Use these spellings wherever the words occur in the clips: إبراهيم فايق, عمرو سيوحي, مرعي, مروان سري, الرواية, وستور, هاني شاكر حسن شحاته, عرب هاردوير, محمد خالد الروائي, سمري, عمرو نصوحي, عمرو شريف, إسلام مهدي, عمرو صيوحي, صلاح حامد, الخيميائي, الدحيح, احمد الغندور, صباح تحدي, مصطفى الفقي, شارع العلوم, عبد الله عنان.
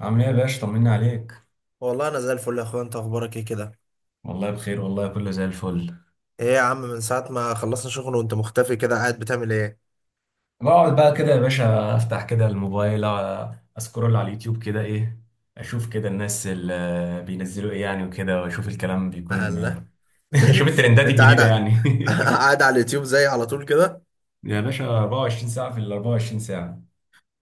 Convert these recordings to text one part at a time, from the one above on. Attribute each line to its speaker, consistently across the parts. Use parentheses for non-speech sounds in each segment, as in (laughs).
Speaker 1: عامل ايه يا باشا؟ طمنا عليك.
Speaker 2: والله انا زي الفل يا اخويا، انت اخبارك ايه كده؟
Speaker 1: والله بخير، والله كله زي الفل.
Speaker 2: ايه يا عم، من ساعه ما خلصنا شغل وانت مختفي كده، قاعد بتعمل ايه؟
Speaker 1: بقعد بقى كده يا باشا، افتح كده الموبايل، اسكرول على اليوتيوب كده ايه، اشوف كده الناس اللي بينزلوا ايه يعني وكده، واشوف الكلام بيكون (laughs)
Speaker 2: الله.
Speaker 1: اشوف
Speaker 2: (laughs)
Speaker 1: الترندات
Speaker 2: انت قاعد.
Speaker 1: الجديدة
Speaker 2: (laughs)
Speaker 1: يعني.
Speaker 2: قاعد على اليوتيوب زي على طول كده.
Speaker 1: (laughs) يا باشا، 24 ساعة في ال 24 ساعة.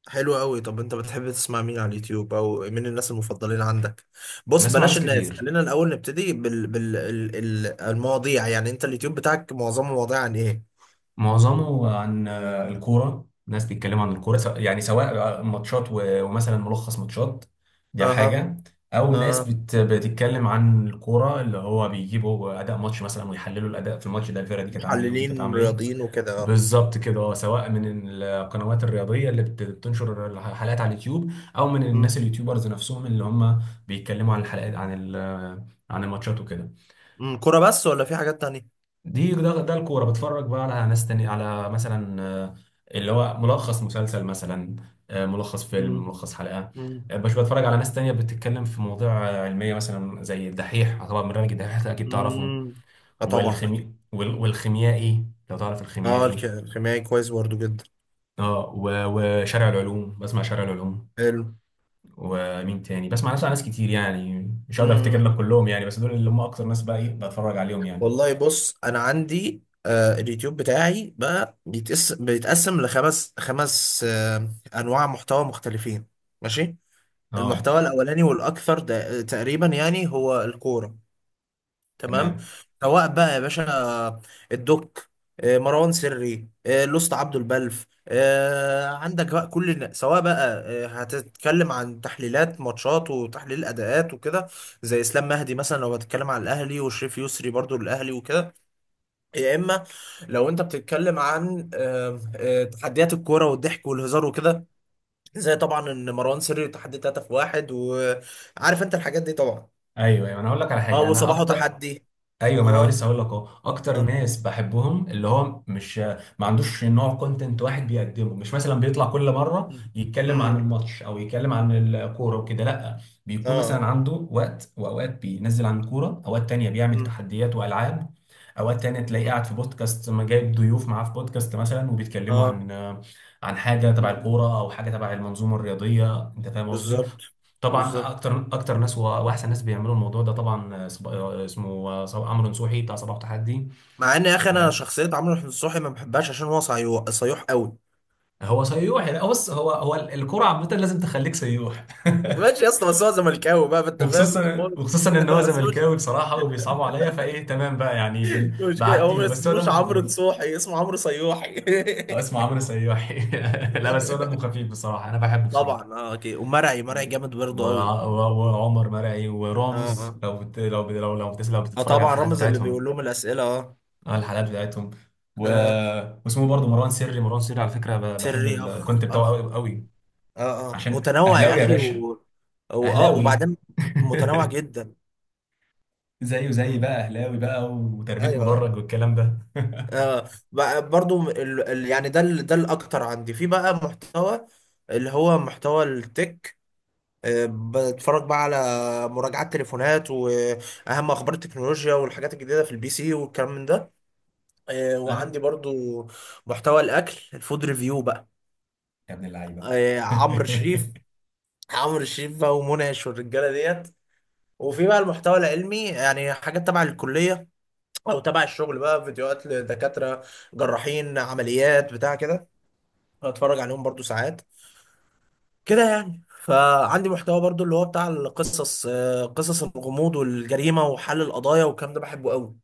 Speaker 2: حلو قوي. طب انت بتحب تسمع مين على اليوتيوب او مين الناس المفضلين عندك؟ بص
Speaker 1: بسمع
Speaker 2: بلاش
Speaker 1: ناس
Speaker 2: الناس،
Speaker 1: كتير،
Speaker 2: خلينا الاول نبتدي المواضيع، يعني انت اليوتيوب بتاعك معظمه مواضيع عن ايه؟
Speaker 1: معظمه عن الكورة. ناس بيتكلموا عن الكورة، يعني سواء ماتشات ومثلا ملخص ماتشات، دي
Speaker 2: اها.
Speaker 1: حاجة. أو ناس
Speaker 2: اها.
Speaker 1: بتتكلم عن الكورة، اللي هو بيجيبوا أداء ماتش مثلا ويحللوا الأداء في الماتش ده، الفرقة دي كانت عاملة إيه ودي كانت
Speaker 2: محللين
Speaker 1: عاملة إيه.
Speaker 2: رياضيين وكده، اه.
Speaker 1: بالظبط كده. سواء من القنوات الرياضية اللي بتنشر الحلقات على اليوتيوب، أو من
Speaker 2: امم.
Speaker 1: الناس اليوتيوبرز نفسهم اللي هم بيتكلموا عن الحلقات، عن عن الماتشات وكده.
Speaker 2: أمم، كرة بس ولا في حاجات تانية؟
Speaker 1: دي ده الكوره. بتفرج بقى على ناس تانية، على مثلا اللي هو ملخص مسلسل مثلا، ملخص فيلم، ملخص حلقه.
Speaker 2: امم.
Speaker 1: مش بتفرج على ناس تانية بتتكلم في مواضيع علميه، مثلا زي الدحيح. طبعا برنامج الدحيح ده اكيد تعرفه،
Speaker 2: امم. اه طبعا اكيد.
Speaker 1: والخيميائي لو تعرف
Speaker 2: اه،
Speaker 1: الخيميائي.
Speaker 2: الكيميائي كويس برضو جدا.
Speaker 1: اه، وشارع العلوم، بسمع شارع العلوم.
Speaker 2: حلو.
Speaker 1: ومين تاني؟ بسمع ناس كتير يعني، مش هقدر افتكر لك
Speaker 2: امم.
Speaker 1: كلهم يعني، بس دول اللي هم اكتر ناس بقى ايه بتفرج عليهم يعني.
Speaker 2: والله بص، انا عندي اليوتيوب بتاعي بقى بيتقسم لخمس خمس آه انواع محتوى مختلفين. ماشي.
Speaker 1: اه،
Speaker 2: المحتوى تمام، الاولاني والاكثر ده تقريبا يعني هو الكوره. تمام.
Speaker 1: تمام.
Speaker 2: سواء بقى يا باشا الدوك، مروان سري، لوست، عبده البلف، عندك بقى كل سواء بقى هتتكلم عن تحليلات ماتشات وتحليل اداءات وكده. زي اسلام مهدي مثلا، لو هتتكلم عن الاهلي، وشريف يسري برضو للاهلي وكده. يا اما لو انت بتتكلم عن تحديات الكوره والضحك والهزار وكده، زي طبعا ان مروان سري تحدي 3 في واحد. وعارف انت الحاجات دي طبعا.
Speaker 1: ايوه، ايوه، انا هقول لك على
Speaker 2: اه
Speaker 1: حاجه، انا
Speaker 2: وصباحه
Speaker 1: اكتر.
Speaker 2: تحدي.
Speaker 1: ايوه، ما انا
Speaker 2: اه.
Speaker 1: لسه هقول لك اهو، اكتر
Speaker 2: اه.
Speaker 1: ناس بحبهم اللي هو مش ما عندوش نوع كونتنت واحد بيقدمه. مش مثلا بيطلع كل مره
Speaker 2: مم.
Speaker 1: يتكلم عن
Speaker 2: مم.
Speaker 1: الماتش او يتكلم عن الكوره وكده، لا. بيكون مثلا
Speaker 2: اه.
Speaker 1: عنده وقت، واوقات بينزل عن الكوره، اوقات تانية بيعمل
Speaker 2: مم.
Speaker 1: تحديات والعاب، اوقات تانية تلاقيه
Speaker 2: مم.
Speaker 1: قاعد في بودكاست، ما جايب ضيوف معاه في بودكاست مثلا، وبيتكلموا
Speaker 2: اه.
Speaker 1: عن حاجه تبع
Speaker 2: مم.
Speaker 1: الكوره او حاجه تبع المنظومه الرياضيه. انت فاهم قصدي؟
Speaker 2: بالظبط.
Speaker 1: طبعا
Speaker 2: بالظبط.
Speaker 1: اكتر اكتر ناس واحسن ناس بيعملوا الموضوع ده طبعا، آه، صب... آه، اسمه عمرو نصوحي بتاع صباح تحدي.
Speaker 2: مع ان يا اخي انا
Speaker 1: آه.
Speaker 2: شخصيه عمرو نصوحي ما بحبهاش عشان هو صيوح قوي.
Speaker 1: هو سيوح يعني. بص، هو الكرة عامة لازم تخليك سيوح
Speaker 2: ماشي يا
Speaker 1: (laughs)
Speaker 2: اسطى، بس هو زملكاوي بقى، فانت فاهم هو.
Speaker 1: وخصوصا ان
Speaker 2: (laughs)
Speaker 1: هو
Speaker 2: ما اسموش.
Speaker 1: زملكاوي بصراحة وبيصعبوا عليا، فايه، تمام بقى يعني،
Speaker 2: مش كده، هو
Speaker 1: بعدي
Speaker 2: ما
Speaker 1: له، بس هو
Speaker 2: اسموش
Speaker 1: دمه
Speaker 2: عمرو
Speaker 1: خفيف.
Speaker 2: نصوحي، اسمه عمرو صيوحي. (laughs)
Speaker 1: اسمه عمرو سيوحي (laughs) لا، بس هو دمه خفيف بصراحة، انا بحبه بصراحة.
Speaker 2: طبعا اه. اوكي، ومرعي، مرعي
Speaker 1: و...
Speaker 2: جامد
Speaker 1: و...
Speaker 2: برضه قوي.
Speaker 1: وعمر مرعي
Speaker 2: اه
Speaker 1: ورامز،
Speaker 2: اه.
Speaker 1: لو
Speaker 2: اه
Speaker 1: بتتفرج على
Speaker 2: طبعا
Speaker 1: الحلقات
Speaker 2: رمز اللي بيقول
Speaker 1: بتاعتهم.
Speaker 2: لهم الاسئله، اه.
Speaker 1: على الحلقات بتاعتهم و...
Speaker 2: اه.
Speaker 1: واسمه برضه مروان سري. على فكره بحب
Speaker 2: سري اخ.
Speaker 1: الكونت بتاعه
Speaker 2: اخ.
Speaker 1: قوي قوي،
Speaker 2: اه اه،
Speaker 1: عشان
Speaker 2: متنوع يا
Speaker 1: اهلاوي يا
Speaker 2: اخي
Speaker 1: باشا.
Speaker 2: و... واه
Speaker 1: اهلاوي
Speaker 2: وبعدين. متنوع
Speaker 1: (laughs)
Speaker 2: جدا.
Speaker 1: زيه
Speaker 2: م.
Speaker 1: زي بقى
Speaker 2: م.
Speaker 1: اهلاوي بقى، وتربيه
Speaker 2: ايوه.
Speaker 1: مدرج والكلام ده (laughs)
Speaker 2: بقى برضو، يعني ده، ده الاكتر عندي في بقى محتوى، اللي هو محتوى التك. بتفرج بقى على مراجعات تليفونات واهم اخبار التكنولوجيا والحاجات الجديده في البي سي والكلام من ده.
Speaker 1: انا
Speaker 2: وعندي برضو محتوى الاكل، الفود ريفيو بقى.
Speaker 1: يا ابن اللعيبه
Speaker 2: عمرو شريف.
Speaker 1: (laughs)
Speaker 2: عمرو شريف بقى، ومنعش والرجاله ديت. وفي بقى المحتوى العلمي، يعني حاجات تبع الكلية أو تبع الشغل، بقى فيديوهات لدكاترة جراحين، عمليات بتاع كده، بتفرج عليهم برضو ساعات كده يعني. فعندي محتوى برضو اللي هو بتاع القصص، قصص الغموض والجريمة وحل القضايا والكلام ده، بحبه قوي.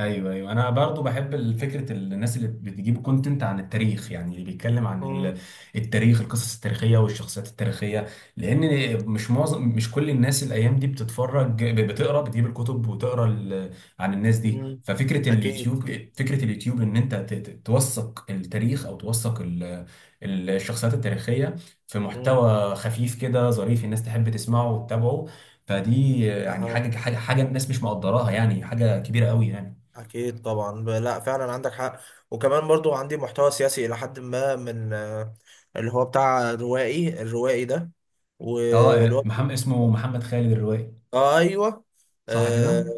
Speaker 1: ايوه، ايوه، انا برضو بحب فكره الناس اللي بتجيب كونتنت عن التاريخ، يعني اللي بيتكلم عن
Speaker 2: مم.
Speaker 1: التاريخ، القصص التاريخيه والشخصيات التاريخيه. لان مش كل الناس الايام دي بتتفرج، بتقرا، بتجيب الكتب وتقرا عن الناس دي.
Speaker 2: مم.
Speaker 1: ففكره
Speaker 2: أكيد.
Speaker 1: اليوتيوب، فكره اليوتيوب ان انت توثق التاريخ، او توثق ال- الشخصيات التاريخيه، في
Speaker 2: مم.
Speaker 1: محتوى خفيف كده ظريف، الناس تحب تسمعه وتتابعه. فدي يعني
Speaker 2: أها.
Speaker 1: حاجه الناس مش مقدراها، يعني حاجه كبيره قوي يعني.
Speaker 2: أكيد طبعا، لا فعلا عندك حق. وكمان برضو عندي محتوى سياسي إلى حد ما من اللي هو بتاع روائي، الروائي ده، واللي
Speaker 1: اه،
Speaker 2: هو
Speaker 1: محمد، اسمه محمد خالد الروائي،
Speaker 2: ايوه.
Speaker 1: صح
Speaker 2: آه
Speaker 1: كده؟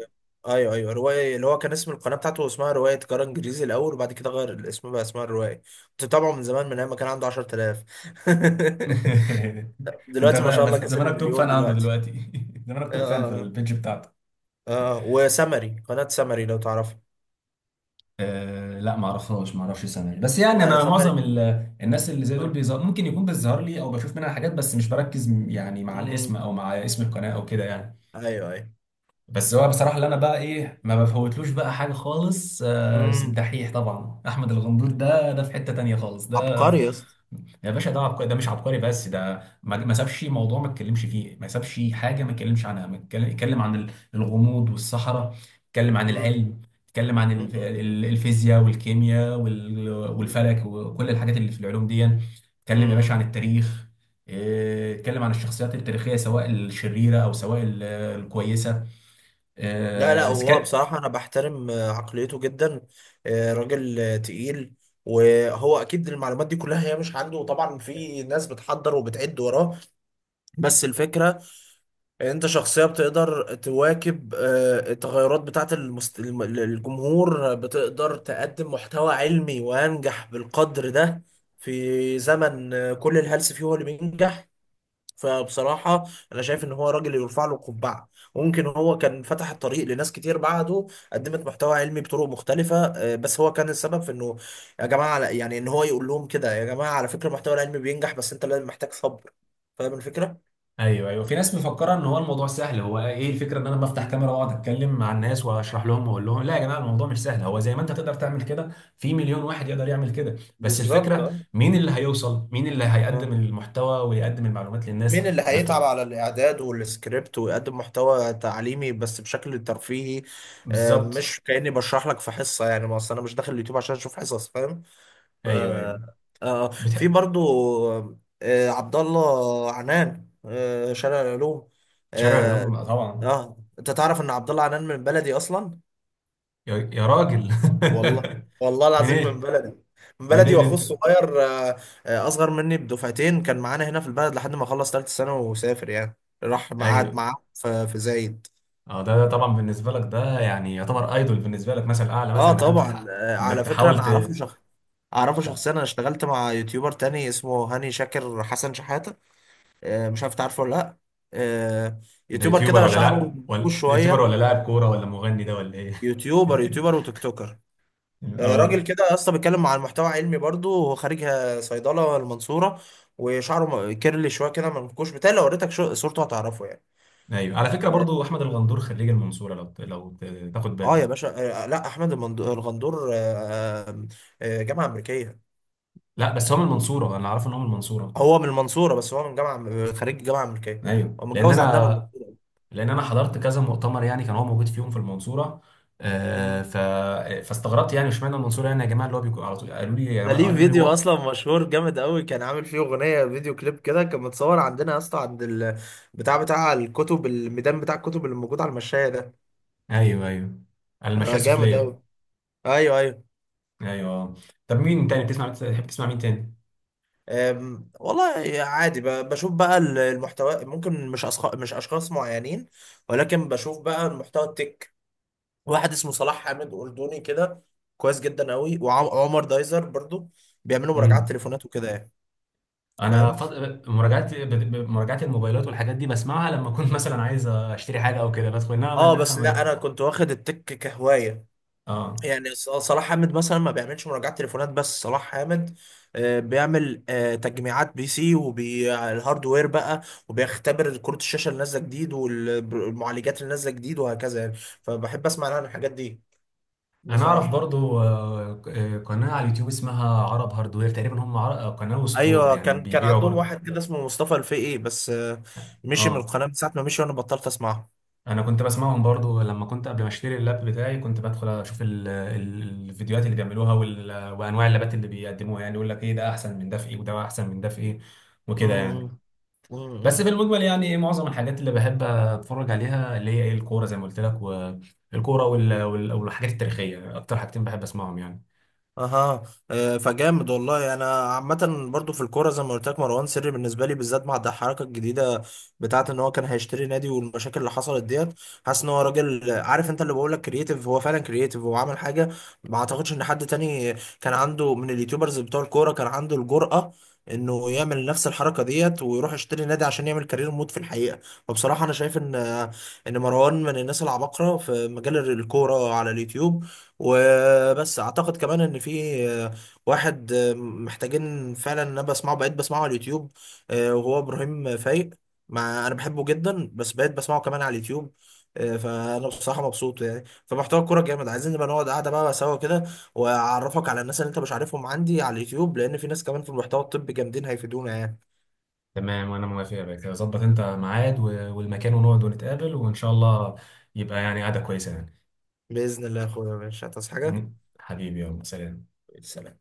Speaker 2: ايوه، ايوه، روايه. اللي هو كان اسم القناه بتاعته اسمها روايه قرار انجليزي الاول، وبعد كده غير الاسم بقى اسمها الروايه. كنت بتابعه من زمان، من ايام ما كان عنده 10,000.
Speaker 1: (laughs)
Speaker 2: (laughs)
Speaker 1: انت
Speaker 2: دلوقتي ما
Speaker 1: بقى
Speaker 2: شاء
Speaker 1: بس
Speaker 2: الله كسر
Speaker 1: زمانك توب
Speaker 2: المليون
Speaker 1: فان عنده
Speaker 2: دلوقتي.
Speaker 1: دلوقتي. (laughs) زمانك
Speaker 2: اه
Speaker 1: توب فان في
Speaker 2: اه
Speaker 1: البيج بتاعته.
Speaker 2: اه. وسمري، قناه سمري لو تعرفها.
Speaker 1: لا، ما اعرفهاش، ما اعرفش اسامي، بس يعني
Speaker 2: لا
Speaker 1: انا معظم
Speaker 2: سمري.
Speaker 1: الناس اللي زي دول
Speaker 2: اه.
Speaker 1: ممكن يكون بيظهر لي، او بشوف منها حاجات، بس مش بركز يعني مع الاسم،
Speaker 2: امم.
Speaker 1: او مع اسم القناه او كده يعني.
Speaker 2: ايوه ايوه.
Speaker 1: بس هو بصراحه، اللي انا بقى ايه ما بفوتلوش بقى حاجه خالص،
Speaker 2: امم.
Speaker 1: الدحيح. طبعا احمد الغندور، ده في حته تانيه خالص ده.
Speaker 2: عبقري يا اسطى.
Speaker 1: يا باشا، ده عبقري، ده مش عبقري بس، ده ما سابش موضوع ما اتكلمش فيه، ما سابش حاجه ما اتكلمش عنها. ما اتكلم عن الغموض والصحراء، اتكلم عن
Speaker 2: امم.
Speaker 1: العلم، اتكلم عن
Speaker 2: امم.
Speaker 1: الفيزياء والكيمياء
Speaker 2: أمم.
Speaker 1: والفلك وكل الحاجات اللي في العلوم دي. اتكلم يا باشا
Speaker 2: أمم.
Speaker 1: عن التاريخ. اه، اتكلم عن الشخصيات التاريخيه، سواء الشريره او سواء
Speaker 2: لا لا، هو
Speaker 1: الكويسه.
Speaker 2: بصراحة أنا بحترم عقليته جدا. راجل تقيل. وهو أكيد المعلومات دي كلها هي مش عنده، وطبعا في ناس بتحضر وبتعد وراه. بس الفكرة إن أنت شخصية بتقدر تواكب التغيرات بتاعة الجمهور، بتقدر تقدم محتوى علمي وأنجح بالقدر ده في زمن كل الهلس فيه هو اللي بينجح. فبصراحة أنا شايف إن هو راجل يرفع له القبعة، وممكن هو كان فتح الطريق لناس كتير بعده قدمت محتوى علمي بطرق مختلفة. بس هو كان السبب في إنه، يعني إن هو يقول لهم كده: يا جماعة على فكرة المحتوى العلمي بينجح، بس أنت لازم محتاج صبر. فاهم الفكرة؟
Speaker 1: ايوه، ايوه، في ناس مفكره ان هو الموضوع سهل. هو ايه الفكره؟ ان انا بفتح
Speaker 2: مم.
Speaker 1: كاميرا واقعد اتكلم مع الناس واشرح لهم واقول لهم: لا يا جماعه، الموضوع مش سهل. هو زي ما انت تقدر تعمل كده، في مليون واحد يقدر يعمل كده. بس
Speaker 2: بالظبط
Speaker 1: الفكره،
Speaker 2: أه.
Speaker 1: مين اللي هيوصل، مين اللي هيقدم
Speaker 2: آه.
Speaker 1: المحتوى ويقدم المعلومات للناس؟
Speaker 2: مين اللي هيتعب
Speaker 1: بط...
Speaker 2: على الإعداد والسكريبت ويقدم محتوى تعليمي بس بشكل ترفيهي،
Speaker 1: بالظبط.
Speaker 2: مش كأني بشرح لك في حصة يعني. ما أصل أنا مش داخل اليوتيوب عشان أشوف حصص، فاهم؟ ف...
Speaker 1: ايوه، ايوه،
Speaker 2: آه آه. في
Speaker 1: بتح...
Speaker 2: برضو عبد الله عنان، شارع العلوم،
Speaker 1: شارع
Speaker 2: آه.
Speaker 1: العلوم طبعا.
Speaker 2: اه، انت تعرف ان عبد الله عنان من بلدي اصلا؟
Speaker 1: يا راجل! (laughs)
Speaker 2: والله. والله
Speaker 1: من
Speaker 2: العظيم، من
Speaker 1: ايه؟
Speaker 2: بلدي. من بلدي،
Speaker 1: منين
Speaker 2: واخوه
Speaker 1: انت؟
Speaker 2: الصغير اصغر مني بدفعتين، كان معانا هنا في البلد لحد ما خلص ثالثه ثانوي وسافر يعني، راح قعد
Speaker 1: ايوه.
Speaker 2: معاه في زايد.
Speaker 1: اه، ده طبعا بالنسبه لك، ده يعني يعتبر ايدول بالنسبه لك، مثل اعلى
Speaker 2: اه
Speaker 1: مثلا، انك انت
Speaker 2: طبعا. على
Speaker 1: انك
Speaker 2: فكره
Speaker 1: تحاول
Speaker 2: انا اعرفه شخص، اعرفه شخصيا. انا اشتغلت مع يوتيوبر تاني اسمه هاني شاكر حسن شحاته، مش عارف تعرفه ولا لا. آه،
Speaker 1: ده
Speaker 2: يوتيوبر
Speaker 1: يوتيوبر
Speaker 2: كده
Speaker 1: ولا
Speaker 2: شعره
Speaker 1: لا
Speaker 2: منكوش
Speaker 1: ولا يوتيوبر،
Speaker 2: شويه.
Speaker 1: ولا لاعب كوره، ولا مغني ده، ولا ايه؟
Speaker 2: يوتيوبر، يوتيوبر
Speaker 1: (laughs)
Speaker 2: وتيك توكر. راجل
Speaker 1: اه.
Speaker 2: كده يا اسطى، بيتكلم عن محتوى علمي برضه، هو خارج صيدله المنصوره. وشعره كيرلي شويه كده، منكوش بتاعي، لو وريتك صورته هتعرفه يعني.
Speaker 1: ايوه، على فكره برضو،
Speaker 2: اه.
Speaker 1: احمد الغندور خريج المنصوره، لو تاخد
Speaker 2: آه يا
Speaker 1: بالك.
Speaker 2: باشا. لا احمد الغندور، آه، جامعه امريكيه.
Speaker 1: لا، بس هو من المنصوره، انا عارف ان هو من المنصوره.
Speaker 2: هو من المنصوره، بس هو من جامعه، خريج جامعه امريكيه.
Speaker 1: ايوه،
Speaker 2: هو
Speaker 1: لان
Speaker 2: متجوز عندها من
Speaker 1: انا لان انا حضرت كذا مؤتمر يعني، كان هو موجود فيهم في المنصوره. آه
Speaker 2: المنصوره.
Speaker 1: ف فاستغربت يعني، اشمعنى المنصوره يعني يا جماعه، اللي هو بيكون على طول، قالوا لي يا
Speaker 2: ده
Speaker 1: جماعه،
Speaker 2: ليه
Speaker 1: قالوا لي
Speaker 2: فيديو
Speaker 1: هو.
Speaker 2: اصلا مشهور جامد قوي، كان عامل فيه اغنيه فيديو كليب كده، كان متصور عندنا يا اسطى عند بتاع، بتاع الكتب، الميدان بتاع الكتب اللي موجود على المشايه ده.
Speaker 1: ايوه، ايوه، على المشاية
Speaker 2: جامد
Speaker 1: السفليه.
Speaker 2: قوي. ايوه ايوه.
Speaker 1: ايوه. طب، مين تاني بتحب تسمع مين تاني؟
Speaker 2: أم، والله عادي، بشوف بقى المحتوى، ممكن مش أشخاص، مش اشخاص معينين، ولكن بشوف بقى المحتوى التك. واحد اسمه صلاح حامد، اردني كده، كويس جدا قوي. وعمر دايزر برضو، بيعملوا مراجعات
Speaker 1: مم.
Speaker 2: تليفونات وكده يعني،
Speaker 1: انا
Speaker 2: فاهم.
Speaker 1: مراجعات ب- مراجعات الموبايلات والحاجات دي بسمعها لما اكون مثلا عايز اشتري حاجه او كده، بدخل، انما ان
Speaker 2: اه
Speaker 1: انا
Speaker 2: بس لا، انا كنت واخد التك كهوايه،
Speaker 1: اه،
Speaker 2: يعني صلاح حامد مثلا ما بيعملش مراجعات تليفونات، بس صلاح حامد بيعمل تجميعات بي سي وبالهاردوير بقى، وبيختبر كروت الشاشه اللي نازله جديد والمعالجات اللي نازله جديد وهكذا يعني. فبحب اسمع عن الحاجات دي
Speaker 1: انا اعرف
Speaker 2: بصراحه.
Speaker 1: برضو قناه على اليوتيوب اسمها عرب هاردوير تقريبا، هم عر... آه، قناه وستور
Speaker 2: ايوه،
Speaker 1: يعني
Speaker 2: كان (laughs)
Speaker 1: بيبيعوا
Speaker 2: عندهم
Speaker 1: برضو.
Speaker 2: واحد كده اسمه مصطفى الفقي، بس مشي من
Speaker 1: اه،
Speaker 2: القناه. من ساعه ما مشي وانا بطلت اسمعه.
Speaker 1: انا كنت بسمعهم برضو لما كنت، قبل ما اشتري اللاب بتاعي، كنت بدخل اشوف الفيديوهات اللي بيعملوها وانواع اللابات اللي بيقدموها، يعني يقول لك ايه ده احسن من ده في ايه، وده احسن من ده في ايه وكده يعني.
Speaker 2: امم.
Speaker 1: بس في
Speaker 2: أمم.
Speaker 1: المجمل يعني ايه، معظم الحاجات اللي بحب اتفرج عليها اللي هي ايه الكوره، زي ما قلت لك. والكوره والحاجات التاريخيه، اكتر حاجتين بحب اسمعهم يعني.
Speaker 2: اها. فجامد والله. انا عامه برضو في الكوره زي ما قلت لك، مروان سري بالنسبه لي بالذات مع الحركه الجديده بتاعه، ان هو كان هيشتري نادي والمشاكل اللي حصلت ديت. حاسس ان هو راجل عارف، انت اللي بقول لك كرييتيف، هو فعلا كرييتيف. هو عمل حاجه ما اعتقدش ان حد تاني كان عنده من اليوتيوبرز بتوع الكوره كان عنده الجرأه انه يعمل نفس الحركه ديت ويروح يشتري نادي عشان يعمل كارير مود في الحقيقه. فبصراحه انا شايف ان مروان من الناس العباقره في مجال الكوره على اليوتيوب. وبس اعتقد كمان ان في واحد محتاجين فعلا، ان انا بسمعه، بقيت بسمعه على اليوتيوب، وهو ابراهيم فايق. مع انا بحبه جدا، بس بقيت بسمعه كمان على اليوتيوب، فانا بصراحه مبسوط يعني. فمحتوى الكوره جامد، عايزين نبقى نقعد قاعده بقى سوا كده، واعرفك على الناس اللي انت مش عارفهم عندي على اليوتيوب، لان في ناس كمان في المحتوى الطبي جامدين هيفيدونا يعني.
Speaker 1: تمام، وانا موافق يا باشا، ظبط انت ميعاد والمكان، ونقعد ونتقابل وان شاء الله، يبقى يعني قعده كويسه.
Speaker 2: باذن الله يا اخويا، ماشي. هتصحى حاجه؟
Speaker 1: يعني (laughs) حبيبي يلا سلام.
Speaker 2: سلام.